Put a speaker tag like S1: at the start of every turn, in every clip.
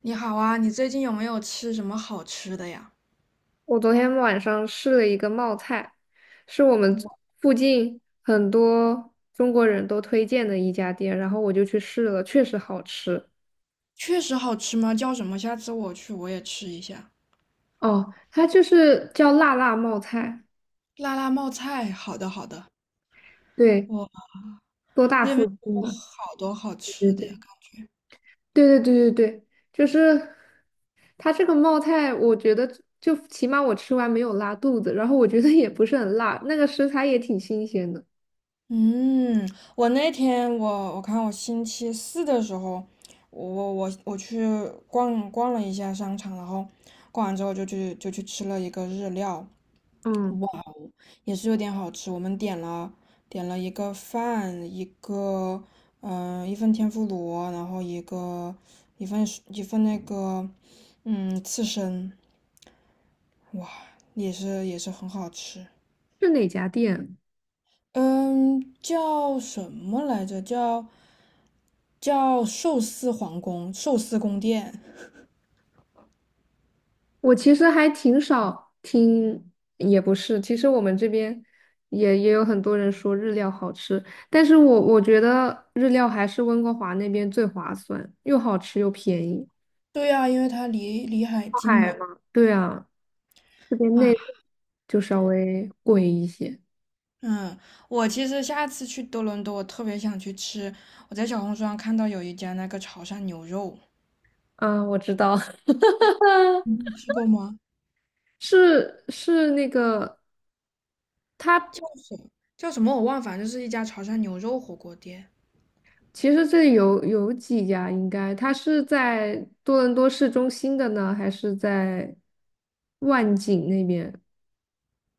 S1: 你好啊，你最近有没有吃什么好吃的呀？
S2: 我昨天晚上试了一个冒菜，是我们附近很多中国人都推荐的一家店，然后我就去试了，确实好吃。
S1: 确实好吃吗？叫什么？下次我去我也吃一下。
S2: 哦，它就是叫辣辣冒菜，
S1: 辣辣冒菜，好的好的。
S2: 对，
S1: 我
S2: 多大
S1: 那
S2: 附
S1: 边
S2: 近
S1: 有
S2: 的，
S1: 好多好
S2: 对
S1: 吃的呀。
S2: 对对对对对对，就是它这个冒菜，我觉得就起码我吃完没有拉肚子，然后我觉得也不是很辣，那个食材也挺新鲜的。
S1: 嗯，我那天我看我星期四的时候，我去逛了一下商场，然后逛完之后就去吃了一个日料，
S2: 嗯，
S1: 也是有点好吃。我们点了一个饭，一个一份天妇罗，然后一个一份那个刺身，哇，也是很好吃。
S2: 是哪家店？
S1: 嗯，叫什么来着？叫寿司皇宫、寿司宫殿。
S2: 我其实还挺少听，也不是，其实我们这边也有很多人说日料好吃，但是我觉得日料还是温哥华那边最划算，又好吃又便宜。
S1: 对呀、因为它离海
S2: 靠
S1: 近嘛。
S2: 海嘛。对啊，这边内
S1: 啊，
S2: 陆就稍微贵一些。
S1: 嗯，我其实下次去多伦多，我特别想去吃。我在小红书上看到有一家那个潮汕牛肉，
S2: 啊，我知道，
S1: 你吃过吗？
S2: 是是那个。他。
S1: 叫什么？叫什么我忘了反正就是一家潮汕牛肉火锅店。
S2: 其实这里有几家，应该它是在多伦多市中心的呢，还是在万景那边？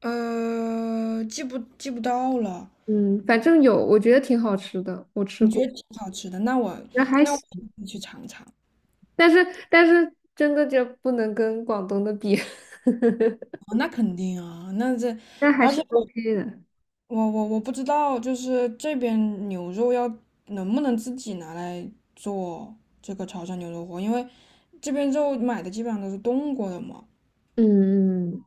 S1: 呃，记不到了？
S2: 嗯，反正有，我觉得挺好吃的，我吃
S1: 你觉得
S2: 过，
S1: 挺好吃的，那我
S2: 那还
S1: 那我
S2: 行，
S1: 一定去尝尝。
S2: 但是但是真的就不能跟广东的比，
S1: 啊，那肯定啊，那这，
S2: 但还
S1: 而
S2: 是
S1: 且我
S2: OK 的。
S1: 我我我不知道，就是这边牛肉要能不能自己拿来做这个潮汕牛肉火锅，因为这边肉买的基本上都是冻过的嘛，
S2: 嗯嗯，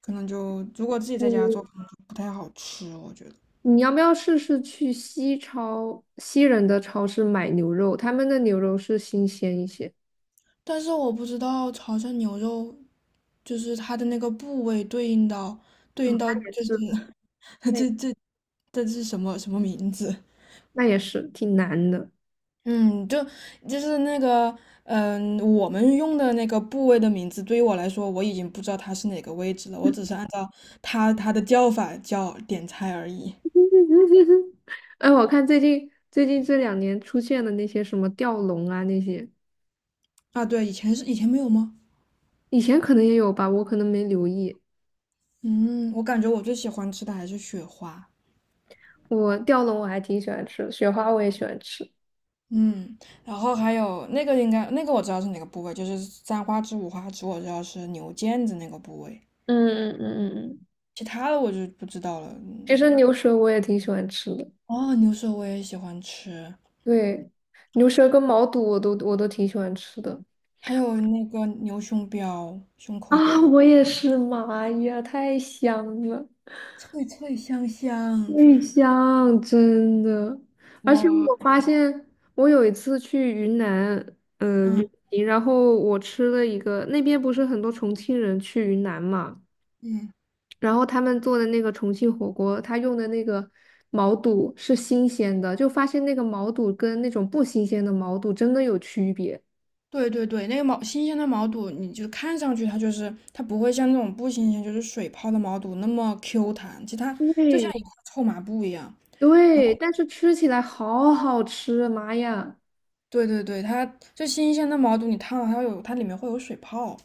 S1: 可能就如果自己在家做，
S2: 你
S1: 可能就不太好吃，我觉得。
S2: 你要不要试试去西超西人的超市买牛肉？他们的牛肉是新鲜一些。
S1: 但是我不知道潮汕牛肉就是它的那个部位对应到对应
S2: 哦，
S1: 到
S2: 那也
S1: 就是
S2: 是，那
S1: 这是什么什么名字？
S2: 那也是挺难的。
S1: 嗯，就是那个，我们用的那个部位的名字，对于我来说，我已经不知道它是哪个位置了，我只是按照它的叫法叫点菜而已。
S2: 嗯哼哼，哎，我看最近这两年出现的那些什么吊龙啊那些，
S1: 啊，对，以前是以前没有吗？
S2: 以前可能也有吧，我可能没留意。
S1: 嗯，我感觉我最喜欢吃的还是雪花。
S2: 我吊龙我还挺喜欢吃的，雪花我也喜欢吃，
S1: 嗯，然后还有那个应该那个我知道是哪个部位，就是三花趾、五花趾，我知道是牛腱子那个部位。
S2: 嗯嗯嗯嗯嗯，
S1: 其他的我就不知道了。
S2: 其实
S1: 嗯，
S2: 牛舌我也挺喜欢吃的。
S1: 哦，牛舌我也喜欢吃，
S2: 对，牛舌跟毛肚我都挺喜欢吃的。
S1: 还有那个牛胸膘、胸口
S2: 啊，
S1: 油，
S2: 我也是，妈呀，太香了！
S1: 脆脆香香。
S2: 最香，真的。而且
S1: 哇，
S2: 我发现，我有一次去云南，旅
S1: 嗯
S2: 行，然后我吃了一个，那边不是很多重庆人去云南嘛，
S1: 嗯，
S2: 然后他们做的那个重庆火锅，他用的那个毛肚是新鲜的，就发现那个毛肚跟那种不新鲜的毛肚真的有区别。
S1: 对对对，那个新鲜的毛肚，你就看上去它就是它不会像那种不新鲜，就是水泡的毛肚那么 Q 弹，其实它就像
S2: 对
S1: 一块臭抹布一样。然
S2: 对，
S1: 后，
S2: 但是吃起来好好吃，妈呀！
S1: 对对对，它就新鲜的毛肚，你烫了它会有它里面会有水泡。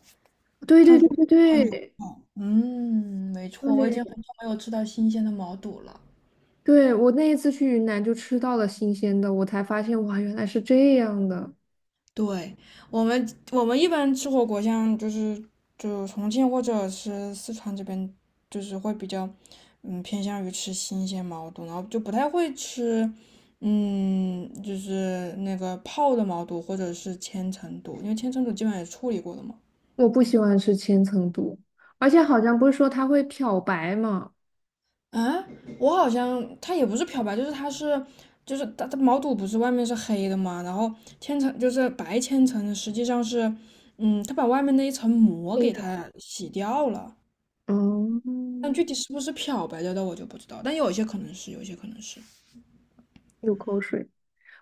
S2: 对对
S1: 碳
S2: 对
S1: 水
S2: 对
S1: 碳水化牛
S2: 对。
S1: 肉嗯，没错，我已经很
S2: 对
S1: 久没有吃到新鲜的毛肚了。
S2: 对，我那一次去云南就吃到了新鲜的，我才发现哇，原来是这样的。
S1: 对，我们一般吃火锅，像就是就重庆或者是四川这边，就是会比较偏向于吃新鲜毛肚，然后就不太会吃就是那个泡的毛肚或者是千层肚，因为千层肚基本上也处理过的嘛。
S2: 我不喜欢吃千层肚，而且好像不是说它会漂白嘛？
S1: 啊，我好像它也不是漂白，就是它是，就是它毛肚不是外面是黑的嘛，然后千层就是白千层，实际上是，嗯，它把外面那一层膜
S2: 对
S1: 给
S2: 的。
S1: 它洗掉了，但
S2: 嗯，
S1: 具体是不是漂白掉的我就不知道，但有一些可能是，有一些可能是。
S2: 流口水。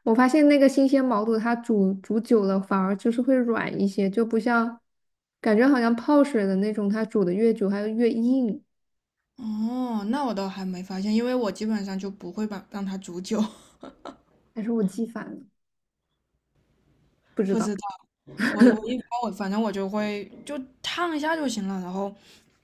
S2: 我发现那个新鲜毛肚，它煮久了反而就是会软一些，就不像感觉好像泡水的那种，它煮的越久还会越硬。
S1: 哦，那我倒还没发现，因为我基本上就不会把让它煮久，
S2: 还是我记反了，不知
S1: 不知
S2: 道。
S1: 道。我我一般 我反正我就会就烫一下就行了，然后，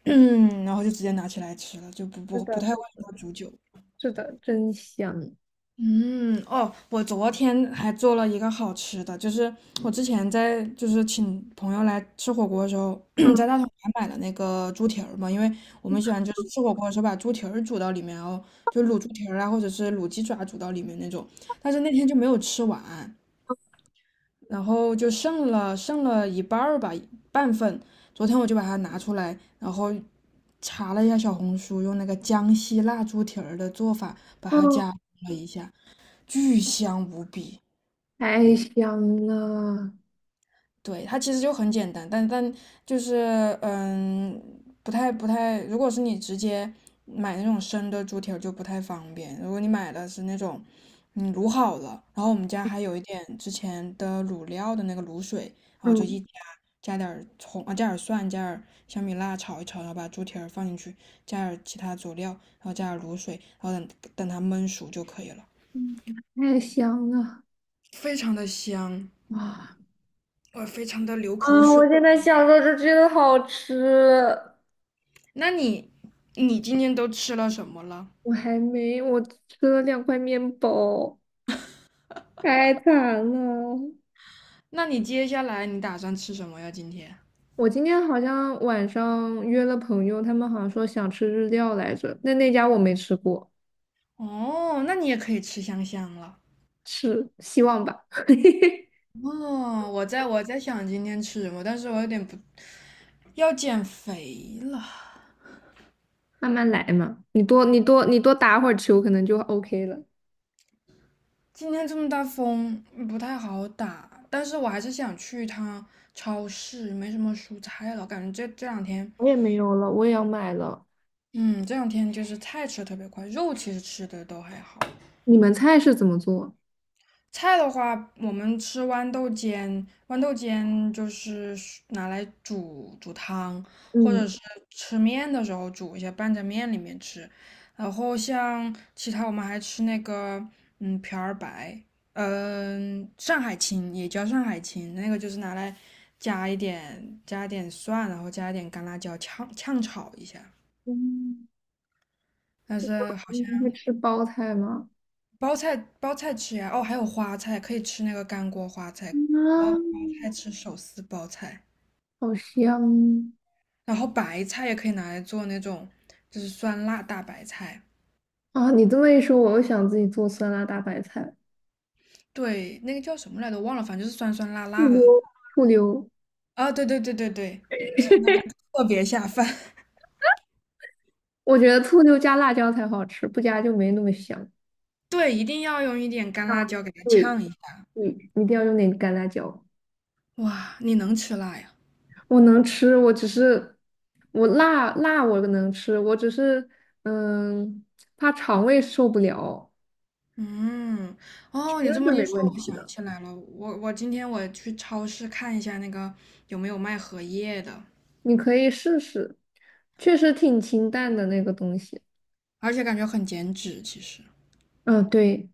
S1: 嗯，然后就直接拿起来吃了，就
S2: 是
S1: 不
S2: 的，
S1: 太
S2: 是
S1: 会让
S2: 的。
S1: 它煮久。
S2: 是的，真香。
S1: 嗯，哦，我昨天还做了一个好吃的，就是我之前在就是请朋友来吃火锅的时候，
S2: 嗯
S1: 在大统华买了那个猪蹄儿嘛，因为我们喜欢就是吃火锅的时候把猪蹄儿煮到里面，然后就卤猪蹄儿啊，或者是卤鸡爪煮到里面那种。但是那天就没有吃完，然后就剩了一半儿吧，半份。昨天我就把它拿出来，然后查了一下小红书，用那个江西辣猪蹄儿的做法把它
S2: 嗯，
S1: 加工了一下。巨香无比。
S2: 太香了。
S1: 对，它其实就很简单，但就是嗯，不太，如果是你直接买那种生的猪蹄儿就不太方便。如果你买的是那种卤好了，然后我们家还有一点之前的卤料的那个卤水，然后就
S2: 嗯。
S1: 一加加点儿葱啊，加点儿蒜，加点儿小米辣炒一炒，然后把猪蹄儿放进去，加点儿其他佐料，然后加点儿卤水，然后等它焖熟就可以了，
S2: 嗯，太香了，
S1: 非常的香，
S2: 哇！
S1: 我非常的流口
S2: 啊，我
S1: 水。
S2: 现在想着就觉得好吃。
S1: 那你你今天都吃了什么了？
S2: 我还没，我吃了两块面包，太惨了。
S1: 那你接下来你打算吃什么呀？今天？
S2: 我今天好像晚上约了朋友，他们好像说想吃日料来着，那那家我没吃过，
S1: 哦，那你也可以吃香香了。
S2: 是希望吧，
S1: 哦，我在想今天吃什么，但是我有点不要减肥了。
S2: 慢慢来嘛。你多打会儿球，可能就 OK 了。
S1: 今天这么大风，不太好打，但是我还是想去一趟超市，没什么蔬菜了，感觉这两天，
S2: 我也没有了，我也要买了。
S1: 嗯，这两天就是菜吃的特别快，肉其实吃的都还好。
S2: 你们菜是怎么做？
S1: 菜的话，我们吃豌豆尖，豌豆尖就是拿来煮汤，或
S2: 嗯
S1: 者是吃面的时候煮一下，拌在面里面吃。然后像其他我们还吃那个，嗯，瓢儿白，嗯、上海青也叫上海青，那个就是拿来加一点蒜，然后加一点干辣椒炝炒一下。
S2: 嗯，
S1: 但是好
S2: 你
S1: 像。
S2: 们会吃包菜吗？
S1: 包菜包菜吃呀，哦，还有花菜，可以吃那个干锅花菜，然
S2: 啊，
S1: 后包菜吃手撕包菜，
S2: 好香
S1: 然后白菜也可以拿来做那种就是酸辣大白菜，
S2: 啊！你这么一说，我又想自己做酸辣大白菜了。
S1: 对，那个叫什么来着，忘了，反正就是酸酸辣
S2: 醋
S1: 辣的。
S2: 溜，醋溜，
S1: 啊，对对对对对，吃的感觉特别下饭。
S2: 我觉得醋溜加辣椒才好吃，不加就没那么香。
S1: 对，一定要用一点干辣椒给它
S2: 对
S1: 呛一下。
S2: 对，一定要用点干辣椒。
S1: 哇，你能吃辣呀？
S2: 我能吃，我只是我辣辣我能吃，我只是嗯怕肠胃受不了。
S1: 嗯，
S2: 其
S1: 哦，你这
S2: 是
S1: 么
S2: 没
S1: 一说，
S2: 问
S1: 我
S2: 题
S1: 想
S2: 的。
S1: 起来了，我今天我去超市看一下那个有没有卖荷叶的。
S2: 你可以试试，确实挺清淡的那个东西。
S1: 而且感觉很减脂，其实。
S2: 嗯，对，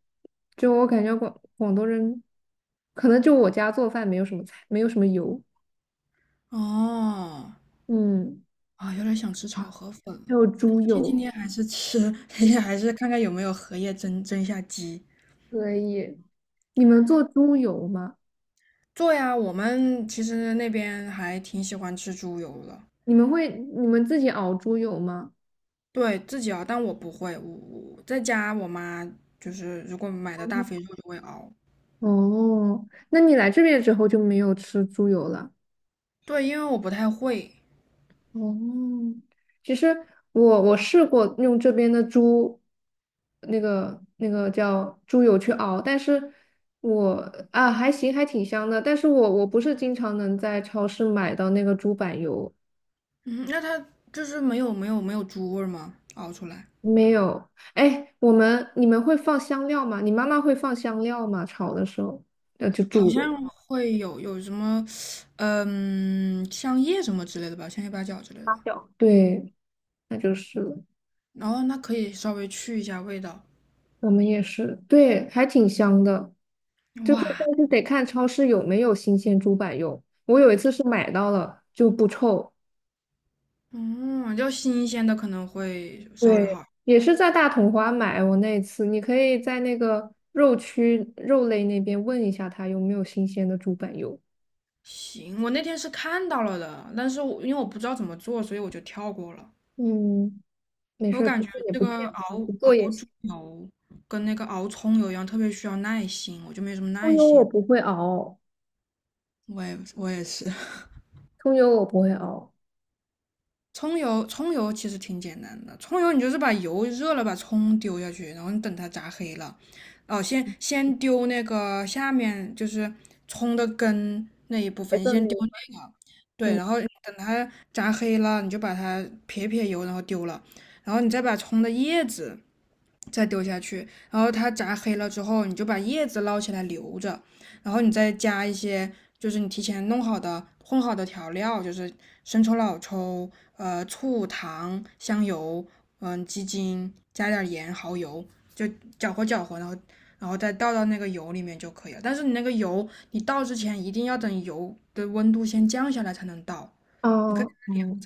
S2: 就我感觉广广东人，可能就我家做饭没有什么菜，没有什么油，
S1: 哦，
S2: 嗯，
S1: 啊，有点想吃炒河粉
S2: 还
S1: 了。
S2: 有猪
S1: 今
S2: 油。
S1: 天还是吃，今天还是看看有没有荷叶蒸蒸一下鸡。
S2: 可以。你们做猪油吗？
S1: 做呀，我们其实那边还挺喜欢吃猪油的，
S2: 你们会你们自己熬猪油吗？
S1: 对自己熬，但我不会，我在家我妈就是如果买的大肥肉就会熬，
S2: 哦，那你来这边之后就没有吃猪油了。
S1: 对，因为我不太会。
S2: 哦，其实我试过用这边的猪，那个叫猪油去熬，但是我啊还行，还挺香的。但是我不是经常能在超市买到那个猪板油，
S1: 嗯，那它就是没有猪味儿吗？熬出来？
S2: 没有。哎，我们你们会放香料吗？你妈妈会放香料吗？炒的时候，那就
S1: 好
S2: 煮
S1: 像
S2: 的。
S1: 会有什么，嗯，香叶什么之类的吧，香叶八角之类的
S2: 辣
S1: 吧。
S2: 椒对，那就是了。
S1: 然后那可以稍微去一下味道。
S2: 我们也是，对，还挺香的。就是
S1: 哇，
S2: 但是得看超市有没有新鲜猪板油。我有一次是买到了就不臭，
S1: 嗯，要新鲜的可能会稍微
S2: 对，
S1: 好。
S2: 也是在大统华买。我那一次，你可以在那个肉区肉类那边问一下他有没有新鲜的猪板油。
S1: 行，我那天是看到了的，但是我因为我不知道怎么做，所以我就跳过了。
S2: 嗯，没
S1: 我
S2: 事儿，其
S1: 感
S2: 实
S1: 觉
S2: 也
S1: 这
S2: 不
S1: 个
S2: 健康，不
S1: 熬
S2: 做也
S1: 猪
S2: 行。
S1: 油跟那个熬葱油一样，特别需要耐心，我就没什么
S2: 葱
S1: 耐
S2: 油我
S1: 心。
S2: 不会熬，
S1: 我也是。
S2: 葱油我不会熬。
S1: 葱油，葱油其实挺简单的。葱油你就是把油热了，把葱丢下去，然后你等它炸黑了，哦，先丢那个下面就是葱的根那一部
S2: 别
S1: 分，
S2: 的那
S1: 先丢
S2: 个，
S1: 那个，对，
S2: 嗯，
S1: 然后等它炸黑了，你就把它撇油，然后丢了，然后你再把葱的叶子再丢下去，然后它炸黑了之后，你就把叶子捞起来留着，然后你再加一些就是你提前弄好的混好的调料，就是生抽、老抽、醋、糖、香油，鸡精，加点盐、蚝油，就搅和搅和，然后然后再倒到那个油里面就可以了。但是你那个油，你倒之前一定要等油的温度先降下来才能倒，你可
S2: 哦，哦，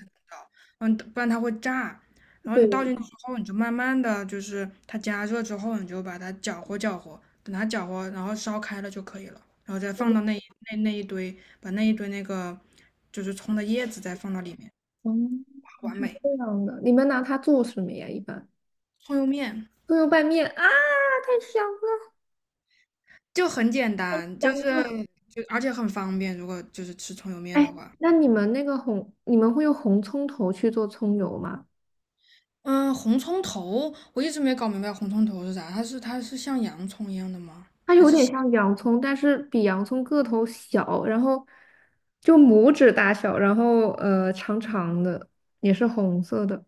S1: 嗯，不然它会炸。然后你倒
S2: 对，
S1: 进去之后，你就慢慢的就是它加热之后，你就把它搅和搅和，等它搅和，然后烧开了就可以了。然后再放
S2: 嗯，
S1: 到那那一堆，把那一堆那个就是葱的叶子再放到里面，
S2: 嗯
S1: 完美。
S2: 这样的，你们拿它做什么呀？一般
S1: 葱油面
S2: 葱油拌面啊，太香了，
S1: 就很简单，就
S2: 香
S1: 是
S2: 了。
S1: 而且很方便。如果就是吃葱油面的
S2: 哎，
S1: 话，
S2: 那你们那个红，你们会用红葱头去做葱油吗？
S1: 嗯，红葱头我一直没搞明白红葱头是啥，它是像洋葱一样的吗？
S2: 它
S1: 还
S2: 有
S1: 是？
S2: 点像洋葱，但是比洋葱个头小，然后就拇指大小，然后长长的，也是红色的。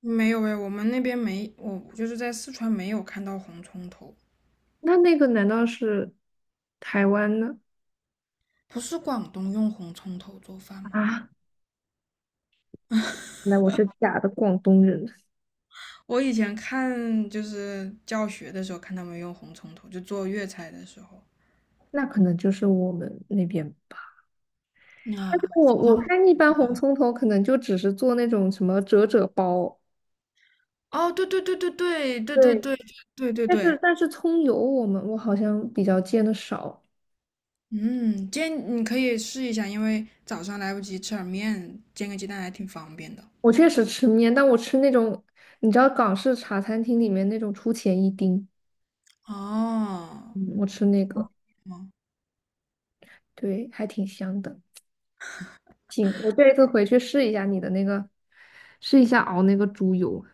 S1: 没有哎，我们那边没，我就是在四川没有看到红葱头。
S2: 那那个难道是台湾的？
S1: 不是广东用红葱头做饭吗？
S2: 啊？那我是假的广东人，
S1: 我以前看就是教学的时候看他们用红葱头，就做粤菜的时候。
S2: 那可能就是我们那边吧。
S1: 啊，
S2: 但是我
S1: 怎么
S2: 我
S1: 样
S2: 看一般红葱头可能就只是做那种什么折折包。
S1: 哦，对对对对对对对
S2: 对，
S1: 对对对
S2: 但是
S1: 对，
S2: 但是葱油我们我好像比较见的少，
S1: 嗯，煎你可以试一下，因为早上来不及吃点面，煎个鸡蛋还挺方便的。
S2: 我确实吃面，但我吃那种你知道港式茶餐厅里面那种出前一丁，
S1: 哦，
S2: 嗯，我吃那个，
S1: 嗯，
S2: 对，还挺香的。行，我这一次回去试一下你的那个，试一下熬那个猪油。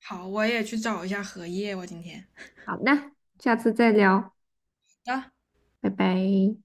S1: 好，我也去找一下荷叶，我今天。
S2: 好的，下次再聊，
S1: 好的。
S2: 拜拜。